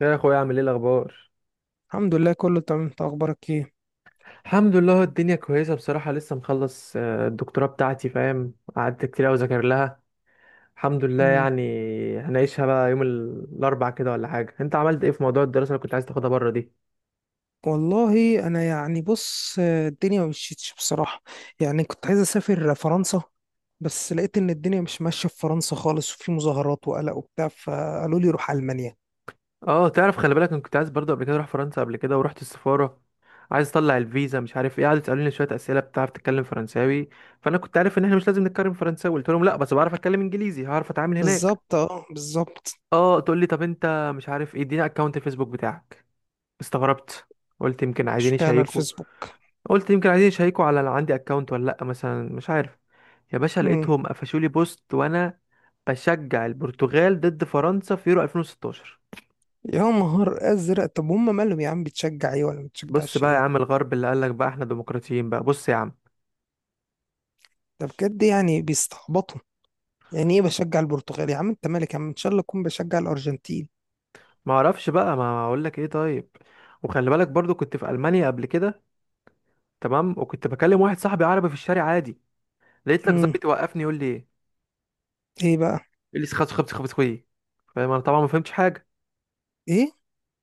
يا اخويا، عامل ايه الاخبار؟ الحمد لله، كله تمام. انت اخبارك ايه؟ الحمد لله الدنيا كويسه بصراحه. لسه مخلص الدكتوراه بتاعتي، فاهم؟ قعدت كتير قوي اذاكر لها الحمد لله مم. يعني. هنعيشها بقى يوم الاربع كده ولا حاجه. انت عملت ايه في موضوع الدراسه اللي كنت عايز تاخدها بره دي؟ والله انا يعني بص، الدنيا ما مشيتش بصراحه. يعني كنت عايز اسافر فرنسا. بس لقيت ان الدنيا مش ماشيه في فرنسا خالص، وفي مظاهرات وقلق وبتاع، فقالوا لي روح المانيا. اه، تعرف، خلي بالك انا كنت عايز برضه قبل كده اروح فرنسا قبل كده ورحت السفاره، عايز اطلع الفيزا مش عارف ايه. قعدوا يسالوني شويه اسئله، بتعرف تتكلم فرنساوي؟ فانا كنت عارف ان احنا مش لازم نتكلم فرنساوي، قلت لهم لا بس بعرف اتكلم انجليزي هعرف اتعامل هناك. بالظبط، اه، بالظبط. اه، تقول لي طب انت مش عارف ايه، اديني اكونت الفيسبوك بتاعك. استغربت، قلت يمكن عايزين اشمعنى يشيكوا، الفيسبوك؟ قلت يمكن عايزين يشيكوا على لو عندي اكونت ولا لا مثلا مش عارف. يا باشا مم. لقيتهم قفشوا لي بوست وانا بشجع البرتغال ضد فرنسا في يورو 2016. يا نهار ازرق، طب هم مالهم يا عم؟ بتشجع ايه ولا ما بص بتشجعش بقى يا ايه؟ عم، الغرب اللي قال لك بقى احنا ديمقراطيين، بقى بص يا عم. ده بجد؟ يعني بيستعبطوا. يعني ايه بشجع البرتغال؟ يا عم انت مالك؟ يا عم ان شاء الله اكون بشجع الارجنتين. ما اعرفش بقى ما اقول لك ايه طيب. وخلي بالك برضو كنت في المانيا قبل كده، تمام، وكنت بكلم واحد صاحبي عربي في الشارع عادي، لقيت لك مم. ظابط يوقفني يقول لي ايه، ايه بقى؟ يقول لي خبز خبز خبز خوي، فاهم؟ انا طبعا ما فهمتش حاجه. ايه؟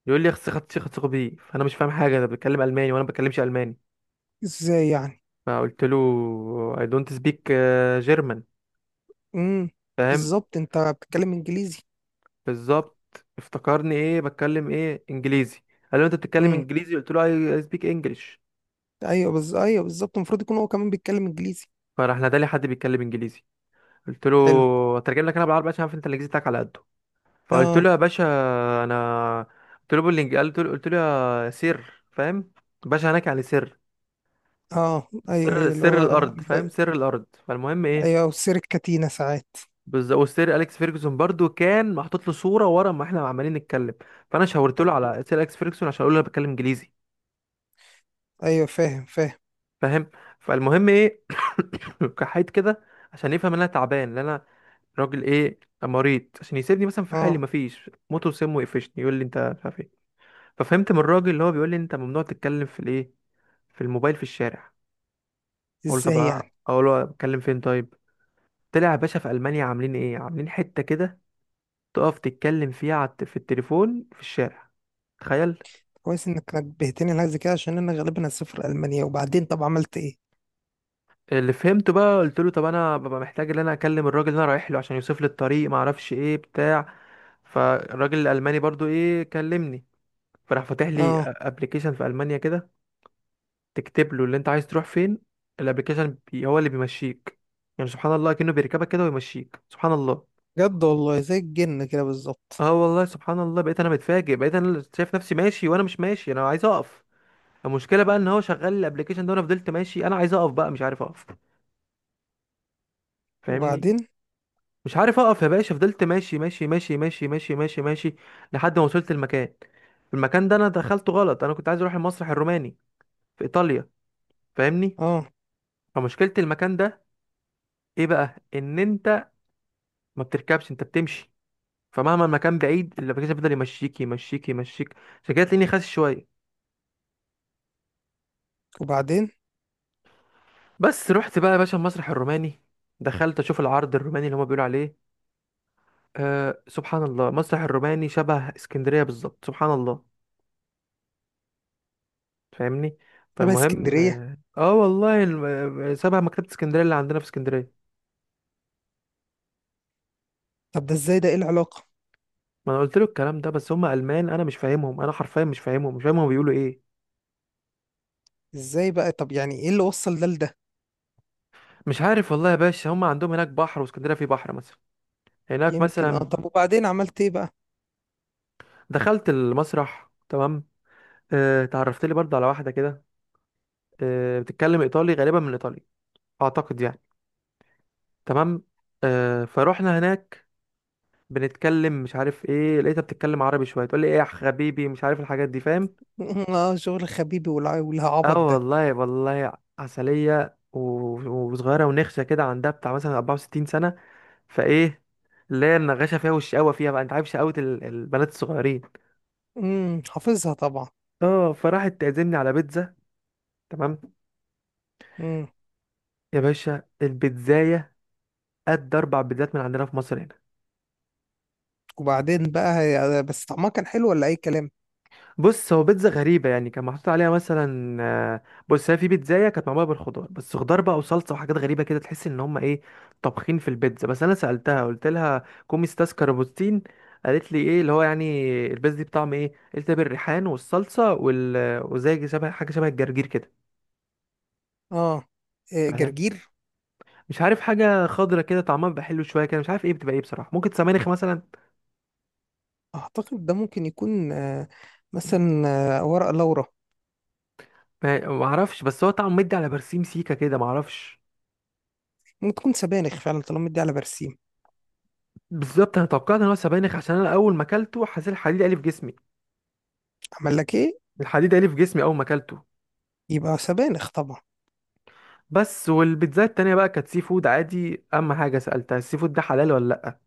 يقول لي اخس خدت خدت بي، فانا مش فاهم حاجه، انا بتكلم الماني وانا ما بتكلمش الماني. ازاي يعني؟ فقلت له I don't speak German، امم. فاهم؟ بالظبط، انت بتتكلم انجليزي. بالظبط، افتكرني ايه، بتكلم ايه؟ انجليزي. قال له انت بتتكلم امم. انجليزي؟ قلت له I I speak English. ايوه ايوه، بالظبط، المفروض يكون هو كمان بيتكلم انجليزي. فراح نادى لي حد بيتكلم انجليزي، قلت له حلو. اترجم لك انا بالعربي عشان عارف انت الانجليزي بتاعك على قده. فقلت اه، له يا باشا، انا قلت له بالانجليزي، قلت له يا سر، فاهم؟ باشا هناك يعني سر اه، سر ايوه، ايوه، اللي سر هو الارض، فاهم؟ سر الارض. فالمهم ايه، ايوه، وسيرة كاتينا ساعات. بالظبط، وسير اليكس فيرجسون برضو كان محطوط له صوره ورا ما احنا عمالين نتكلم، فانا شاورت له على سير اليكس فيرجسون عشان اقول له انا بتكلم انجليزي، ايوه، فاهم فاهم. فاهم؟ فالمهم ايه، كحيت كده عشان يفهم ان انا تعبان، ان انا راجل ايه، مريض، عشان يسيبني مثلا في حالي، اه. مفيش. موته وسمه يقفشني، يقول لي انت مش عارف ايه. ففهمت من الراجل اللي هو بيقول لي انت ممنوع تتكلم في الايه، في الموبايل في الشارع. اقول له طب، ازاي يعني؟ اقول له اتكلم فين طيب؟ طلع يا باشا في المانيا عاملين ايه، عاملين حته كده تقف تتكلم فيها على في التليفون في الشارع، تخيل. كويس انك نبهتني لحاجه زي كده، عشان انا غالبا هسافر المانيا. وبعدين طب عملت ايه؟ اللي فهمته بقى، قلت له طب انا ببقى محتاج ان انا اكلم الراجل اللي انا رايح له عشان يوصف لي الطريق ما اعرفش ايه بتاع. فالراجل الالماني برضو ايه، كلمني، فراح فاتح لي اه. ابلكيشن في المانيا كده، تكتب له اللي انت عايز تروح فين، الابلكيشن بي هو اللي بيمشيك. يعني سبحان الله، كأنه بيركبك كده ويمشيك، سبحان الله. جد والله، زي الجن كده بالظبط. اه والله سبحان الله، بقيت انا متفاجئ، بقيت انا اللي شايف نفسي ماشي وانا مش ماشي، انا عايز اقف. المشكله بقى ان هو شغال الابلكيشن ده، وانا فضلت ماشي، انا عايز اقف بقى مش عارف اقف، فاهمني؟ وبعدين؟ مش عارف اقف يا باشا، فضلت ماشي ماشي ماشي ماشي ماشي ماشي ماشي لحد ما وصلت المكان. المكان ده انا دخلته غلط، انا كنت عايز اروح المسرح الروماني في ايطاليا، فاهمني؟ اه. فمشكلة المكان ده ايه بقى، ان انت ما بتركبش، انت بتمشي، فمهما المكان بعيد الابلكيشن بيفضل يمشيك يمشيك يمشيك. عشان كده تلاقيني خاسس شوية. وبعدين؟ بس رحت بقى يا باشا المسرح الروماني، دخلت اشوف العرض الروماني اللي هما بيقولوا عليه، أه سبحان الله، المسرح الروماني شبه اسكندرية بالظبط، سبحان الله، فاهمني؟ طب فالمهم اسكندريه؟ اه آه والله سابها مكتبة اسكندرية اللي عندنا في اسكندرية. طب ده ازاي؟ ده ايه العلاقه؟ ما انا قلت له الكلام ده، بس هم المان، انا مش فاهمهم، انا حرفيا مش فاهمهم، مش فاهم هم بيقولوا ايه. ازاي بقى؟ طب يعني ايه اللي وصل ده لده؟ مش عارف والله يا باشا، هم عندهم هناك بحر واسكندرية فيه بحر مثلا، هناك يمكن. اه، مثلا. طب وبعدين عملت ايه بقى؟ دخلت المسرح، تمام، اه اتعرفت لي برضه على واحدة كده، اه بتتكلم ايطالي، غالبا من ايطاليا اعتقد يعني، تمام. اه فروحنا هناك، بنتكلم مش عارف ايه، لقيتها بتتكلم عربي شويه، تقول لي ايه يا حبيبي، مش عارف الحاجات دي، فاهم؟ اه، شغل خبيبي اه والعبط ده. والله والله. عسلية وصغيرة ونخشة كده، عندها بتاع مثلا 64 سنة، فايه اللي هي، النغاشة فيها والشقاوة فيها بقى، انت عارف شقاوة البنات الصغيرين. امم، حافظها طبعا. اه، فراحت تعزمني على بيتزا، تمام. امم. يا باشا البيتزاية قد 4 بيتزات من عندنا في مصر هنا. وبعدين بقى بس طعمها كان حلو ولا اي كلام؟ بص هو بيتزا غريبة يعني، كان محطوط عليها مثلا بص هي، في بيتزاية كانت معمولة بالخضار، بس خضار بقى وصلصة وحاجات غريبة كده، تحس ان هم ايه طابخين في البيتزا. بس انا سألتها قلت لها كوميستاس كاربوتين، قالت لي ايه اللي هو يعني، البيتزا دي بطعم ايه؟ قلت لها بالريحان والصلصة وال... وزي شبه حاجة شبه الجرجير كده، اه. إيه، فاهم؟ جرجير. مش عارف، حاجة خضرة كده طعمها بيبقى حلو شوية كده، مش عارف ايه بتبقى ايه بصراحة، ممكن سبانخ مثلا. اعتقد ده ممكن يكون، مثلا، ورق لورا. ما اعرفش، بس هو طعمه مدي على برسيم سيكا كده، ما اعرفش. ممكن تكون سبانخ فعلا، طالما دي على برسيم. بالظبط، انا توقعت ان هو سبانخ عشان انا اول ما اكلته حسيت الحديد قالي في جسمي، عمل لك ايه؟ الحديد قالي في جسمي اول ما اكلته. يبقى سبانخ طبعا. بس والبيتزا التانية بقى كانت سي فود عادي، اهم حاجة سألتها السي فود ده حلال ولا لا.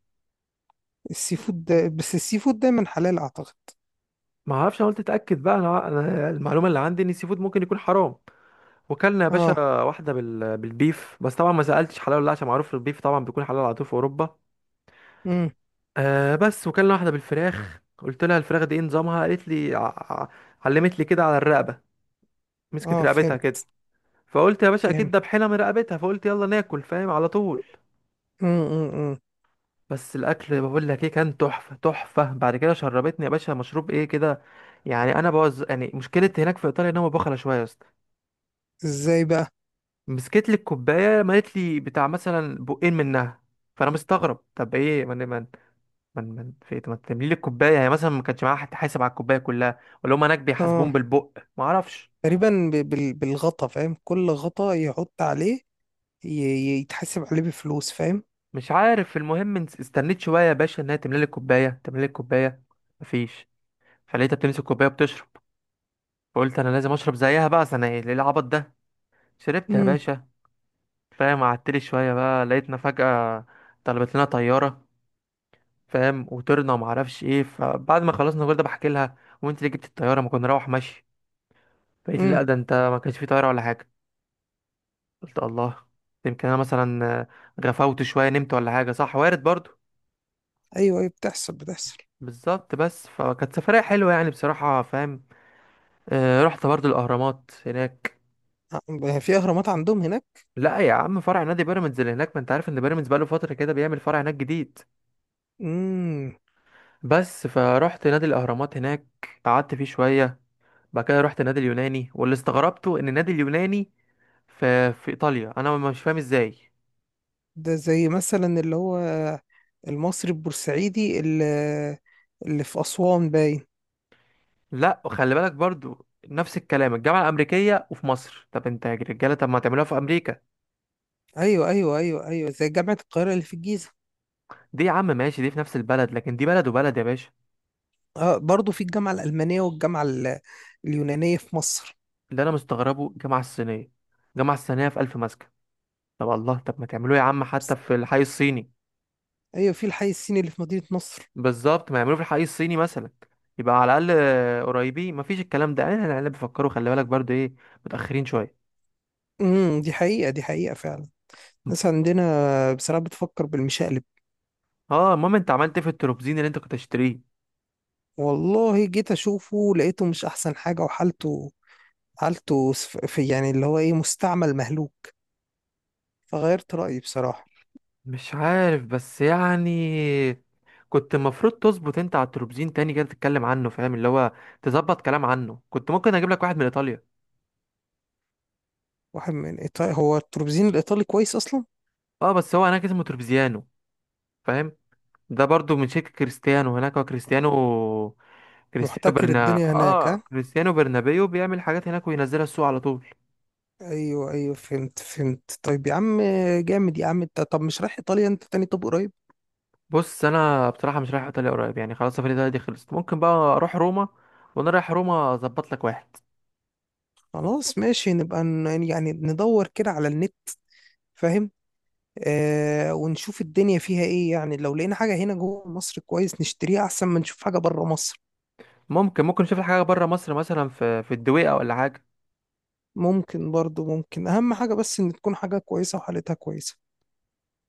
السي فود ده، بس السي فود دايما حلال اعتقد. ما اعرفش، انا قلت اتاكد بقى، أنا المعلومة اللي عندي ان السي فود ممكن يكون حرام. وكلنا يا اه. باشا واحدة بالبيف، بس طبعا ما سألتش حلال ولا لا عشان معروف البيف طبعا بيكون حلال على طول في اوروبا. امم. آه بس، وكلنا واحدة بالفراخ، قلت لها الفراخ دي ايه نظامها؟ قالت لي علمت لي كده على الرقبة، مسكت اه، رقبتها فهمت كده، فقلت يا باشا اكيد فهمت. ده بحيله من رقبتها، فقلت يلا ناكل، فاهم؟ على طول. امم، امم، أمم. بس الاكل بقول لك ايه، كان تحفه تحفه. بعد كده شربتني يا باشا مشروب ايه كده، يعني انا بوز يعني، مشكله هناك في ايطاليا ان هم بخله شويه يا اسطى، ازاي بقى؟ مسكت لي الكوبايه مالت لي بتاع مثلا بقين منها، فانا مستغرب طب ايه، من من في إيه؟ ما تملي لي الكوبايه يعني مثلا، ما كانش معاها حد حاسب على الكوبايه كلها، ولا هم هناك اه، بيحاسبون بالبق ما اعرفش. تقريبا بالغطا، فاهم؟ كل غطا يحط عليه يتحاسب عليه بفلوس، فاهم. مش عارف، المهم استنيت شويه يا باشا انها تملي لي الكوبايه، تملي لي الكوبايه، مفيش. فلقيتها بتمسك كوبايه وبتشرب، فقلت انا لازم اشرب زيها بقى، أصل انا ايه ليه العبط ده. شربت يا امم، باشا، فاهم؟ قعدتلي شويه بقى لقيتنا فجاه طلبت لنا طياره، فاهم؟ وطرنا وما اعرفش ايه. فبعد ما خلصنا كل ده بحكي لها وانت اللي جبت الطياره ما كنا نروح ماشي، فقالت لي امم. لا ده انت ما كانش في طياره ولا حاجه. قلت الله، يمكن انا مثلا غفوت شويه نمت ولا حاجه، صح، وارد برضو. ايوه، ايوه، بتحصل بتحصل. بالظبط، بس فكانت سفريه حلوه يعني بصراحه، فاهم؟ رحت برضو الاهرامات هناك. في اهرامات عندهم هناك؟ لا يا عم، فرع نادي بيراميدز اللي هناك، ما انت عارف ان بيراميدز بقاله فتره كده بيعمل فرع هناك جديد. امم. بس فرحت نادي الاهرامات هناك، قعدت فيه شويه، بعد كده رحت نادي اليوناني، واللي استغربته ان النادي اليوناني في ايطاليا، انا مش فاهم ازاي. ده زي مثلا اللي هو المصري البورسعيدي اللي في اسوان باين. لا وخلي بالك برضو نفس الكلام، الجامعه الامريكيه وفي مصر، طب انت يا رجاله طب ما تعملوها في امريكا. ايوه، ايوه، ايوه، ايوه، زي جامعه القاهره اللي في الجيزه. دي يا عم ماشي، دي في نفس البلد، لكن دي بلد وبلد يا باشا. اه، برضه في الجامعه الالمانيه والجامعه اليونانيه في مصر. اللي انا مستغربه الجامعه الصينيه، الجامعه الصينيه في الف مسكن، طب الله، طب ما تعملوه يا عم حتى في الحي الصيني. ايوه، في الحي الصيني اللي في مدينه نصر. بالظبط، ما يعملوه في الحي الصيني مثلا، يبقى على الاقل قريبين، مفيش الكلام ده. اهل العيال بيفكروا، خلي بالك برضو ايه، متاخرين شويه. امم، دي حقيقه دي حقيقه فعلا. الناس عندنا بصراحة بتفكر بالمشقلب. اه، المهم انت عملت ايه في التروبزين اللي انت كنت هتشتريه؟ والله جيت أشوفه، لقيته مش أحسن حاجة، وحالته حالته في يعني اللي هو إيه، مستعمل مهلوك. فغيرت رأيي بصراحة. مش عارف بس يعني، كنت المفروض تظبط انت على التروبزين تاني كده، تتكلم عنه فاهم، اللي هو تظبط كلام عنه، كنت ممكن اجيب لك واحد من ايطاليا. واحد من إيطاليا، هو التروبزين الإيطالي كويس أصلا. اه بس هو هناك اسمه تروبزيانو، فاهم؟ ده برضو من شركة كريستيانو هناك، هو كريستيانو، كريستيانو محتكر برنا الدنيا هناك، اه ها. كريستيانو برنابيو، بيعمل حاجات هناك وينزلها السوق على طول. أيوه، أيوه، فهمت فهمت. طيب يا عم. جامد يا عم أنت. طب مش رايح إيطاليا أنت تاني؟ طب قريب. بص انا بصراحه مش رايح ايطاليا قريب يعني، خلاص سفري ده دي خلصت، ممكن بقى اروح روما، وانا رايح روما اظبط لك واحد. خلاص ماشي، نبقى يعني ندور كده على النت، فاهم. ونشوف الدنيا فيها ايه. يعني لو لقينا حاجة هنا جوه مصر، كويس نشتريها، احسن ما نشوف حاجة بره مصر. ممكن ممكن نشوف لك حاجه بره مصر، مثلا في الدويقه ولا حاجه. ممكن برضو، ممكن، اهم حاجة بس ان تكون حاجة كويسة وحالتها كويسة.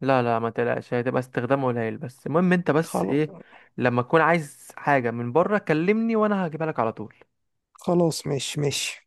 لا لا ما تقلقش، هتبقى استخدام قليل، بس المهم انت بس خلاص. ايه، لما تكون عايز حاجه من بره كلمني وانا هجيبها لك على طول. خلاص ماشي ماشي.